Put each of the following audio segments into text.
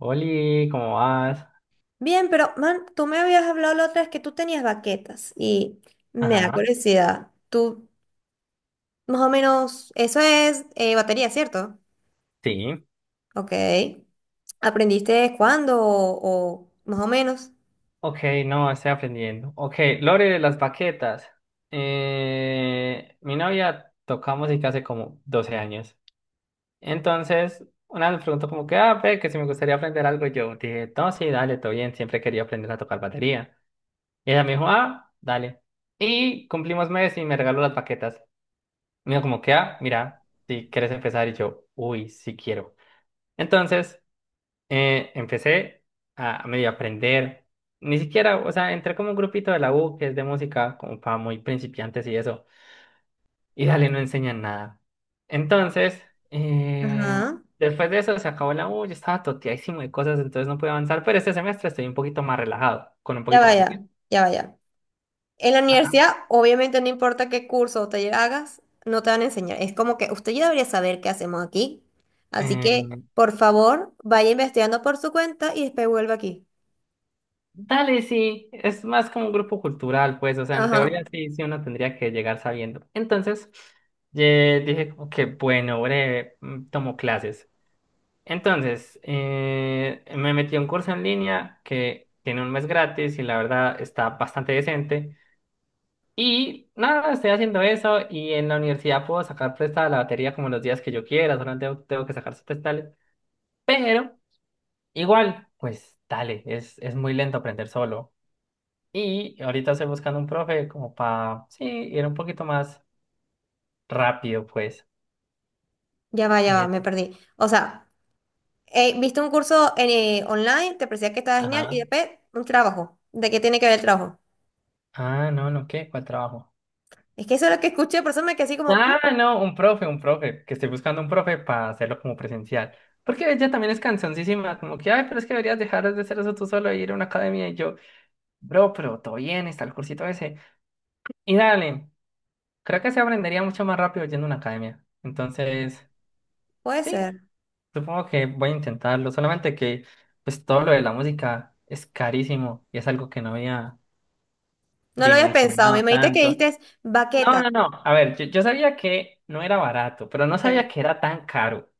Oli, ¿cómo vas? Bien, pero man, tú me habías hablado la otra vez que tú tenías baquetas y me da Ajá. curiosidad. Tú, más o menos, eso es batería, ¿cierto? Sí. Ok. ¿Aprendiste cuándo o más o menos? Ok, no, estoy aprendiendo. Ok. Lore de las baquetas. Mi novia toca música hace como 12 años. Entonces, una vez me preguntó como que, ah, ve, que si me gustaría aprender algo, y yo dije, no, sí, dale, todo bien, siempre quería aprender a tocar batería. Y ella me dijo, ah, dale. Y cumplimos mes y me regaló las baquetas. Me dijo como que, ah, mira, si quieres empezar. Y yo, uy, sí quiero. Entonces. Empecé a medio aprender, ni siquiera, o sea, entré como un grupito de la U que es de música, como para muy principiantes y eso, y dale, no enseñan nada. Entonces, eh, Ajá. después de eso se acabó la U, yo estaba toteadísimo de cosas, entonces no pude avanzar, pero este semestre estoy un poquito más relajado, con un Ya poquito más de vaya, tiempo. ya vaya. En la Ajá. universidad, obviamente, no importa qué curso o taller hagas, no te van a enseñar. Es como que usted ya debería saber qué hacemos aquí. Así que, Eh, por favor, vaya investigando por su cuenta y después vuelva aquí. Dale, sí, es más como un grupo cultural, pues, o sea, en teoría Ajá. sí, sí uno tendría que llegar sabiendo. Entonces. Dije como que, bueno, breve, tomo clases. Entonces, me metí a un curso en línea que tiene un mes gratis y la verdad está bastante decente. Y nada, estoy haciendo eso y en la universidad puedo sacar prestada la batería como los días que yo quiera, solo tengo que sacar sus prestales. Pero igual, pues dale, es muy lento aprender solo. Y ahorita estoy buscando un profe como para, sí, ir un poquito más rápido, pues. Ya Y, va, me perdí. O sea. Viste un curso en, online, te parecía que estaba genial, y ajá. después un trabajo. ¿De qué tiene que ver el trabajo? Ah, no, no, ¿qué? ¿Cuál trabajo? Es que eso es lo que escuché, por eso me quedé así como, ¿qué? Ah, no, un profe, que estoy buscando un profe para hacerlo como presencial. Porque ella también es cansoncísima, como que, ay, pero es que deberías dejar de hacer eso tú solo e ir a una academia. Y yo, bro, pero todo bien, está el cursito ese. Y dale, creo que se aprendería mucho más rápido yendo a una academia. Entonces, Puede sí, ser. supongo que voy a intentarlo. Solamente que, pues todo lo de la música es carísimo y es algo que no había No lo habías pensado. Me dimensionado dijiste que tanto. diste No, baqueta. no, no. A ver, yo sabía que no era barato, pero no sabía Ok. que era tan caro.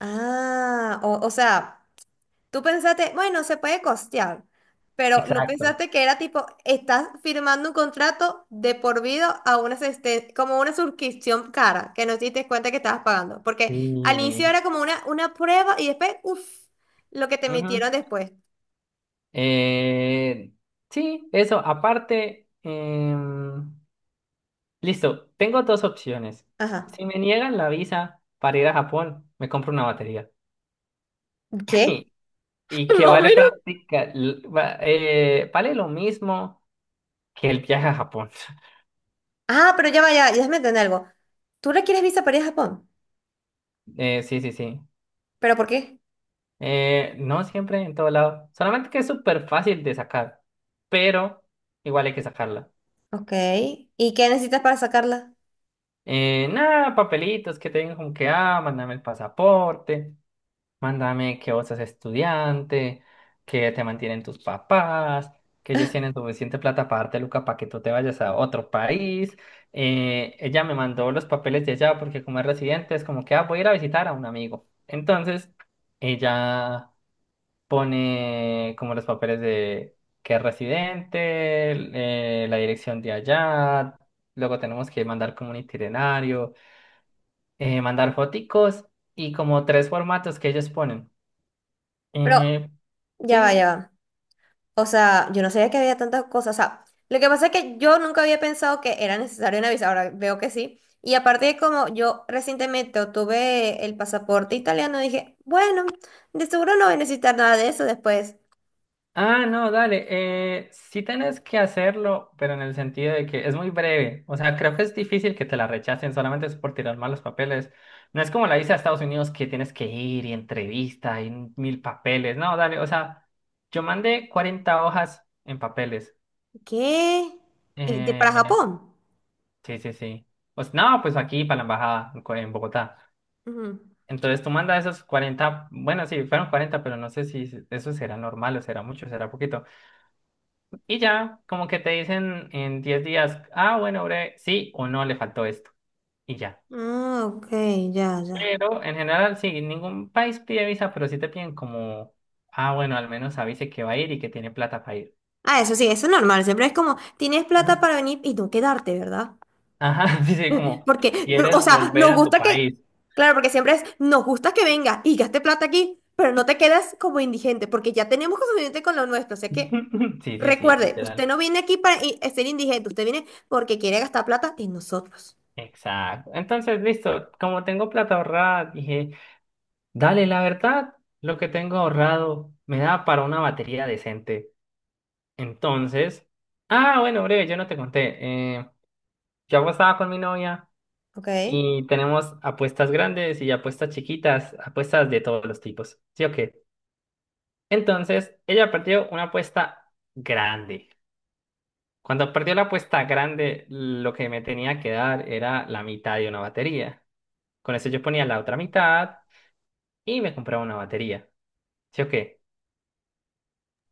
Ah, o sea. Tú pensaste, bueno, se puede costear, pero no Exacto. pensaste que era tipo, estás firmando un contrato de por vida a una asisten- como una suscripción cara, que no te diste cuenta que estabas pagando. Porque al inicio Sí. era como una prueba y después, uff, lo que te Ujú. emitieron después. Eh, sí, eso. Aparte, listo. Tengo dos opciones. Ajá. Si me niegan la visa para ir a Japón, me compro una batería. ¿Qué? Y que Más o vale menos. práctica, vale lo mismo que el viaje a Japón. Ah, pero ya vaya, ya déjame entender algo. ¿Tú requieres visa para ir a Japón? Sí, sí, sí. ¿Pero por qué? No siempre en todo lado. Solamente que es súper fácil de sacar, pero igual hay que sacarla. Ok. ¿Y qué necesitas para sacarla? Nada, papelitos que te digan como que, ah, mándame el pasaporte, mándame que vos sos estudiante, que te mantienen tus papás, que ellos tienen suficiente plata para darte Luca para que tú te vayas a otro país. Ella me mandó los papeles de allá porque como es residente es como que, ah, voy a ir a visitar a un amigo. Entonces, ella pone como los papeles de que es residente, la dirección de allá, luego tenemos que mandar como un itinerario, mandar foticos y como tres formatos que ellos ponen. Pero Eh, ya va, sí. ya va. O sea, yo no sabía que había tantas cosas. O sea, lo que pasa es que yo nunca había pensado que era necesario una visa. Ahora veo que sí. Y aparte de como yo recientemente obtuve el pasaporte italiano, dije, bueno, de seguro no voy a necesitar nada de eso después. Ah, no, dale. Sí tenés que hacerlo, pero en el sentido de que es muy breve. O sea, creo que es difícil que te la rechacen, solamente es por tirar malos papeles. No es como la visa a Estados Unidos que tienes que ir y entrevista y mil papeles. No, dale. O sea, yo mandé 40 hojas en papeles. ¿Qué? ¿Y de- para Eh, Japón? sí, sí, sí. Pues no, pues aquí para la embajada en Bogotá. Ujú. Entonces tú mandas esos 40, bueno, sí, fueron 40, pero no sé si se- eso será normal o será mucho, será poquito. Y ya, como que te dicen en 10 días, ah, bueno, bre, sí o no, le faltó esto. Y ya. Ah, ok, ya, ya. Pero en general, sí, ningún país pide visa, pero sí te piden como, ah, bueno, al menos avise que va a ir y que tiene plata para ir. Ah, eso sí, eso es normal. Siempre es como, tienes Ujú. plata para venir y no quedarte, ¿verdad? Ajá, sí, sí, como, Porque, no, o ¿quieres sea, volver nos a tu gusta que, país? claro, porque siempre es, nos gusta que vengas y gaste plata aquí, pero no te quedas como indigente, porque ya tenemos suficiente con lo nuestro. O sea que, Sí, sí, sí, recuerde, usted literal. no viene aquí para i- ser indigente, usted viene porque quiere gastar plata en nosotros. Exacto. Entonces, listo, como tengo plata ahorrada, dije. Dale, la verdad, lo que tengo ahorrado me da para una batería decente. Entonces, ah, bueno, breve, yo no te conté. Yo apostaba con mi novia Ok, y tenemos apuestas grandes y apuestas chiquitas, apuestas de todos los tipos. ¿Sí o qué? Entonces, ella perdió una apuesta grande. Cuando perdió la apuesta grande, lo que me tenía que dar era la mitad de una batería. Con eso yo ponía la otra mitad y me compraba una batería. ¿Sí o qué?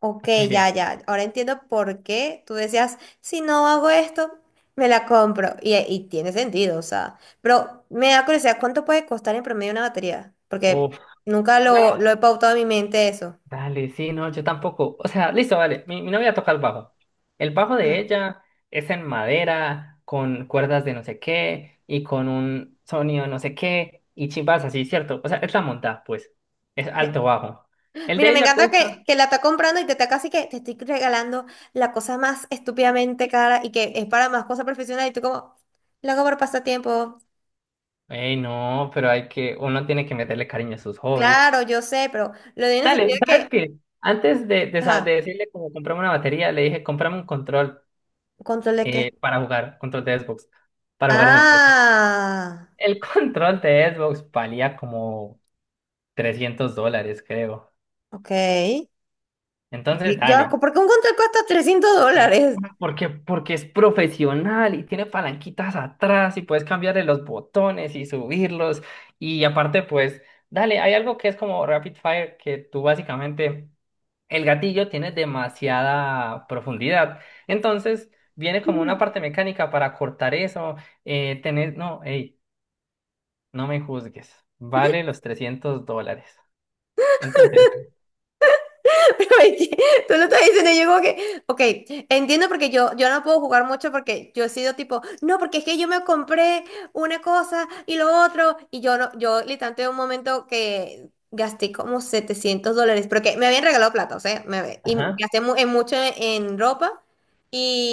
ok, Hasta ahí ya, bien. ya. Ahora entiendo por qué tú decías, si no hago esto, me la compro. Y tiene sentido, o sea. Pero me da curiosidad, ¿cuánto puede costar en promedio una batería? Porque Uf. nunca Una lo he pautado en mi mente eso. Dale, sí, no, yo tampoco. O sea, listo, vale. Mi novia toca el bajo. El bajo Ah. de ella es en madera, con cuerdas de no sé qué y con un sonido no sé qué y chimbas así, ¿cierto? O sea, es la montada, pues. Es alto bajo. El Mira, de me ella encanta cuesta. Que la está comprando y te está casi que te estoy regalando la cosa más estúpidamente cara y que es para más cosas profesionales y tú como, lo hago por pasatiempo. Ey, no, pero hay que, uno tiene que meterle cariño a sus hobbies. Claro, yo sé, pero lo digo en el Dale, sentido de ¿sabes que, qué? Antes de ajá, decirle como comprame una batería, le dije, comprame un control, control de qué. Para jugar, control de Xbox, para jugar en el PC. Ah, El control de Xbox valía como $300, creo. ok. Ok, Entonces, ya, dale. ¿por qué un control cuesta 300 eh, dólares? porque es profesional y tiene palanquitas atrás y puedes cambiarle los botones y subirlos. Y aparte, pues, dale, hay algo que es como Rapid Fire, que tú básicamente, el gatillo tiene demasiada profundidad. Entonces, viene como una parte mecánica para cortar eso. No, hey, no me juzgues. Vale los $300. Entonces. Pero es que tú lo estás diciendo, y yo como que, ok, entiendo porque yo no puedo jugar mucho porque yo he sido tipo, no, porque es que yo me compré una cosa y lo otro, y yo no, yo literalmente un momento que gasté como $700, porque me habían regalado plata, o sea, me, y Ajá, gasté mu- en mucho en ropa,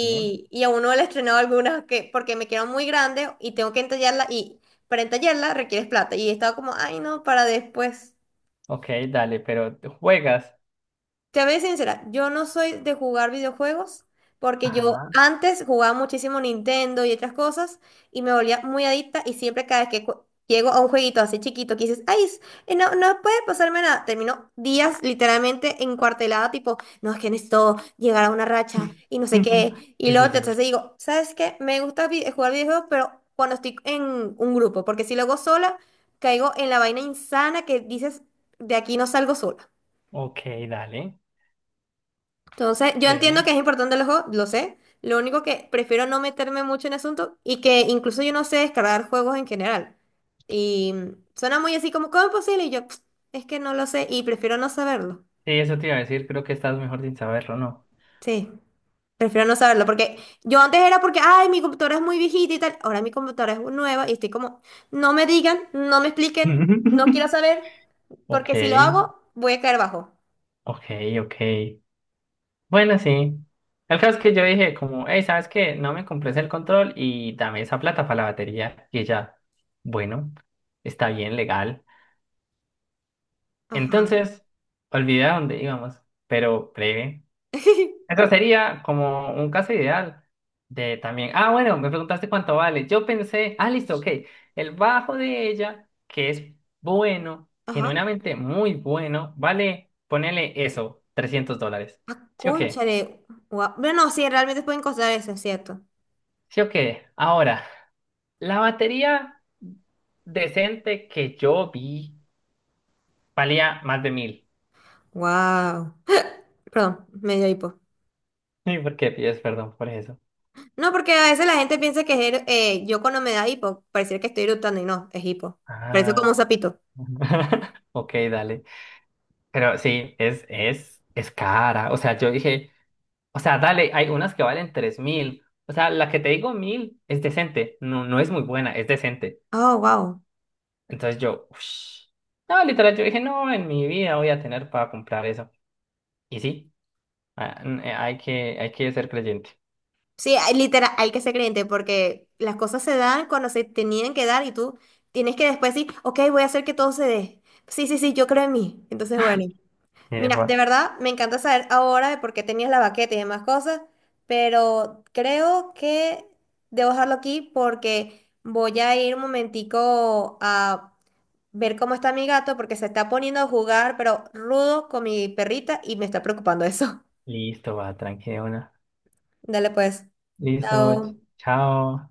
sí. y a uno le he estrenado algunas que, porque me quedan muy grandes y tengo que entallarla, y para entallarla requieres plata, y estaba como, ay no, para después. Ok, dale, pero ¿te juegas? Te voy a ser sincera, yo no soy de jugar videojuegos porque yo Ajá. antes jugaba muchísimo Nintendo y otras cosas y me volvía muy adicta y siempre cada vez que cu- llego a un jueguito así chiquito que dices, ay, s- no, puede pasarme nada, termino días literalmente encuartelada tipo, no, es que necesito llegar a una racha y no sé qué. Y Sí, sí, luego te- sí. entonces digo, ¿sabes qué? Me gusta vi- jugar videojuegos, pero cuando estoy en un grupo, porque si lo hago sola, caigo en la vaina insana que dices, de aquí no salgo sola. Ok, dale. Entonces, yo entiendo Breve. que es importante los juegos, lo sé. Lo único que prefiero no meterme mucho en el asunto y que incluso yo no sé descargar juegos en general. Y suena muy así como, ¿cómo es posible? Y yo, "Ps, es que no lo sé y prefiero no saberlo. Sí, eso te iba a decir, creo que estás mejor sin saberlo, ¿no? Sí, prefiero no saberlo porque yo antes era porque, ay, mi computadora es muy viejita y tal. Ahora mi computadora es nueva y estoy como, no me digan, no me expliquen, no quiero saber, Ok, porque si lo hago, voy a caer bajo. ok, ok. Bueno, sí. El caso es que yo dije como, hey, ¿sabes qué? No me compres el control y dame esa plata para la batería. Y ella, bueno, está bien, legal. Ajá. Entonces, olvidé a dónde íbamos, pero breve. Eso sería como un caso ideal de también. Ah, bueno, me preguntaste cuánto vale. Yo pensé, ah, listo, ok. El bajo de ella, que es bueno, Ajá. genuinamente muy bueno, vale, ponele eso, $300. Ah, ¿Sí o qué? cónchale. Guau. Bueno, no, sí, realmente pueden costar eso, es cierto. ¿Sí o qué? Ahora, la batería decente que yo vi valía más de 1.000. Wow. Perdón, me dio hipo. ¿Y por qué pides perdón por eso? No, porque a veces la gente piensa que es, yo cuando me da hipo, pareciera que estoy eructando y no, es hipo. Parece como Ah, un sapito. ok, dale. Pero sí, es cara. O sea, yo dije. O sea, dale, hay unas que valen 3.000. O sea, la que te digo 1.000 es decente. No, no es muy buena, es decente. Oh, wow. Entonces yo, ush. No, literal, yo dije, no, en mi vida voy a tener para comprar eso. Y sí, hay que ser creyente. Sí, hay- literal, hay que ser creyente porque las cosas se dan cuando se tenían que dar y tú tienes que después decir, ok, voy a hacer que todo se dé. Sí, sí, sí, yo creo en mí. Entonces, bueno. Y me Mira, fue. de verdad me encanta saber ahora de por qué tenías la baqueta y demás cosas, pero creo que debo dejarlo aquí porque voy a ir un momentico a ver cómo está mi gato porque se está poniendo a jugar, pero rudo con mi perrita y me está preocupando eso. Listo, va, tranquila una. Dale pues. Listo, Chao. Chao.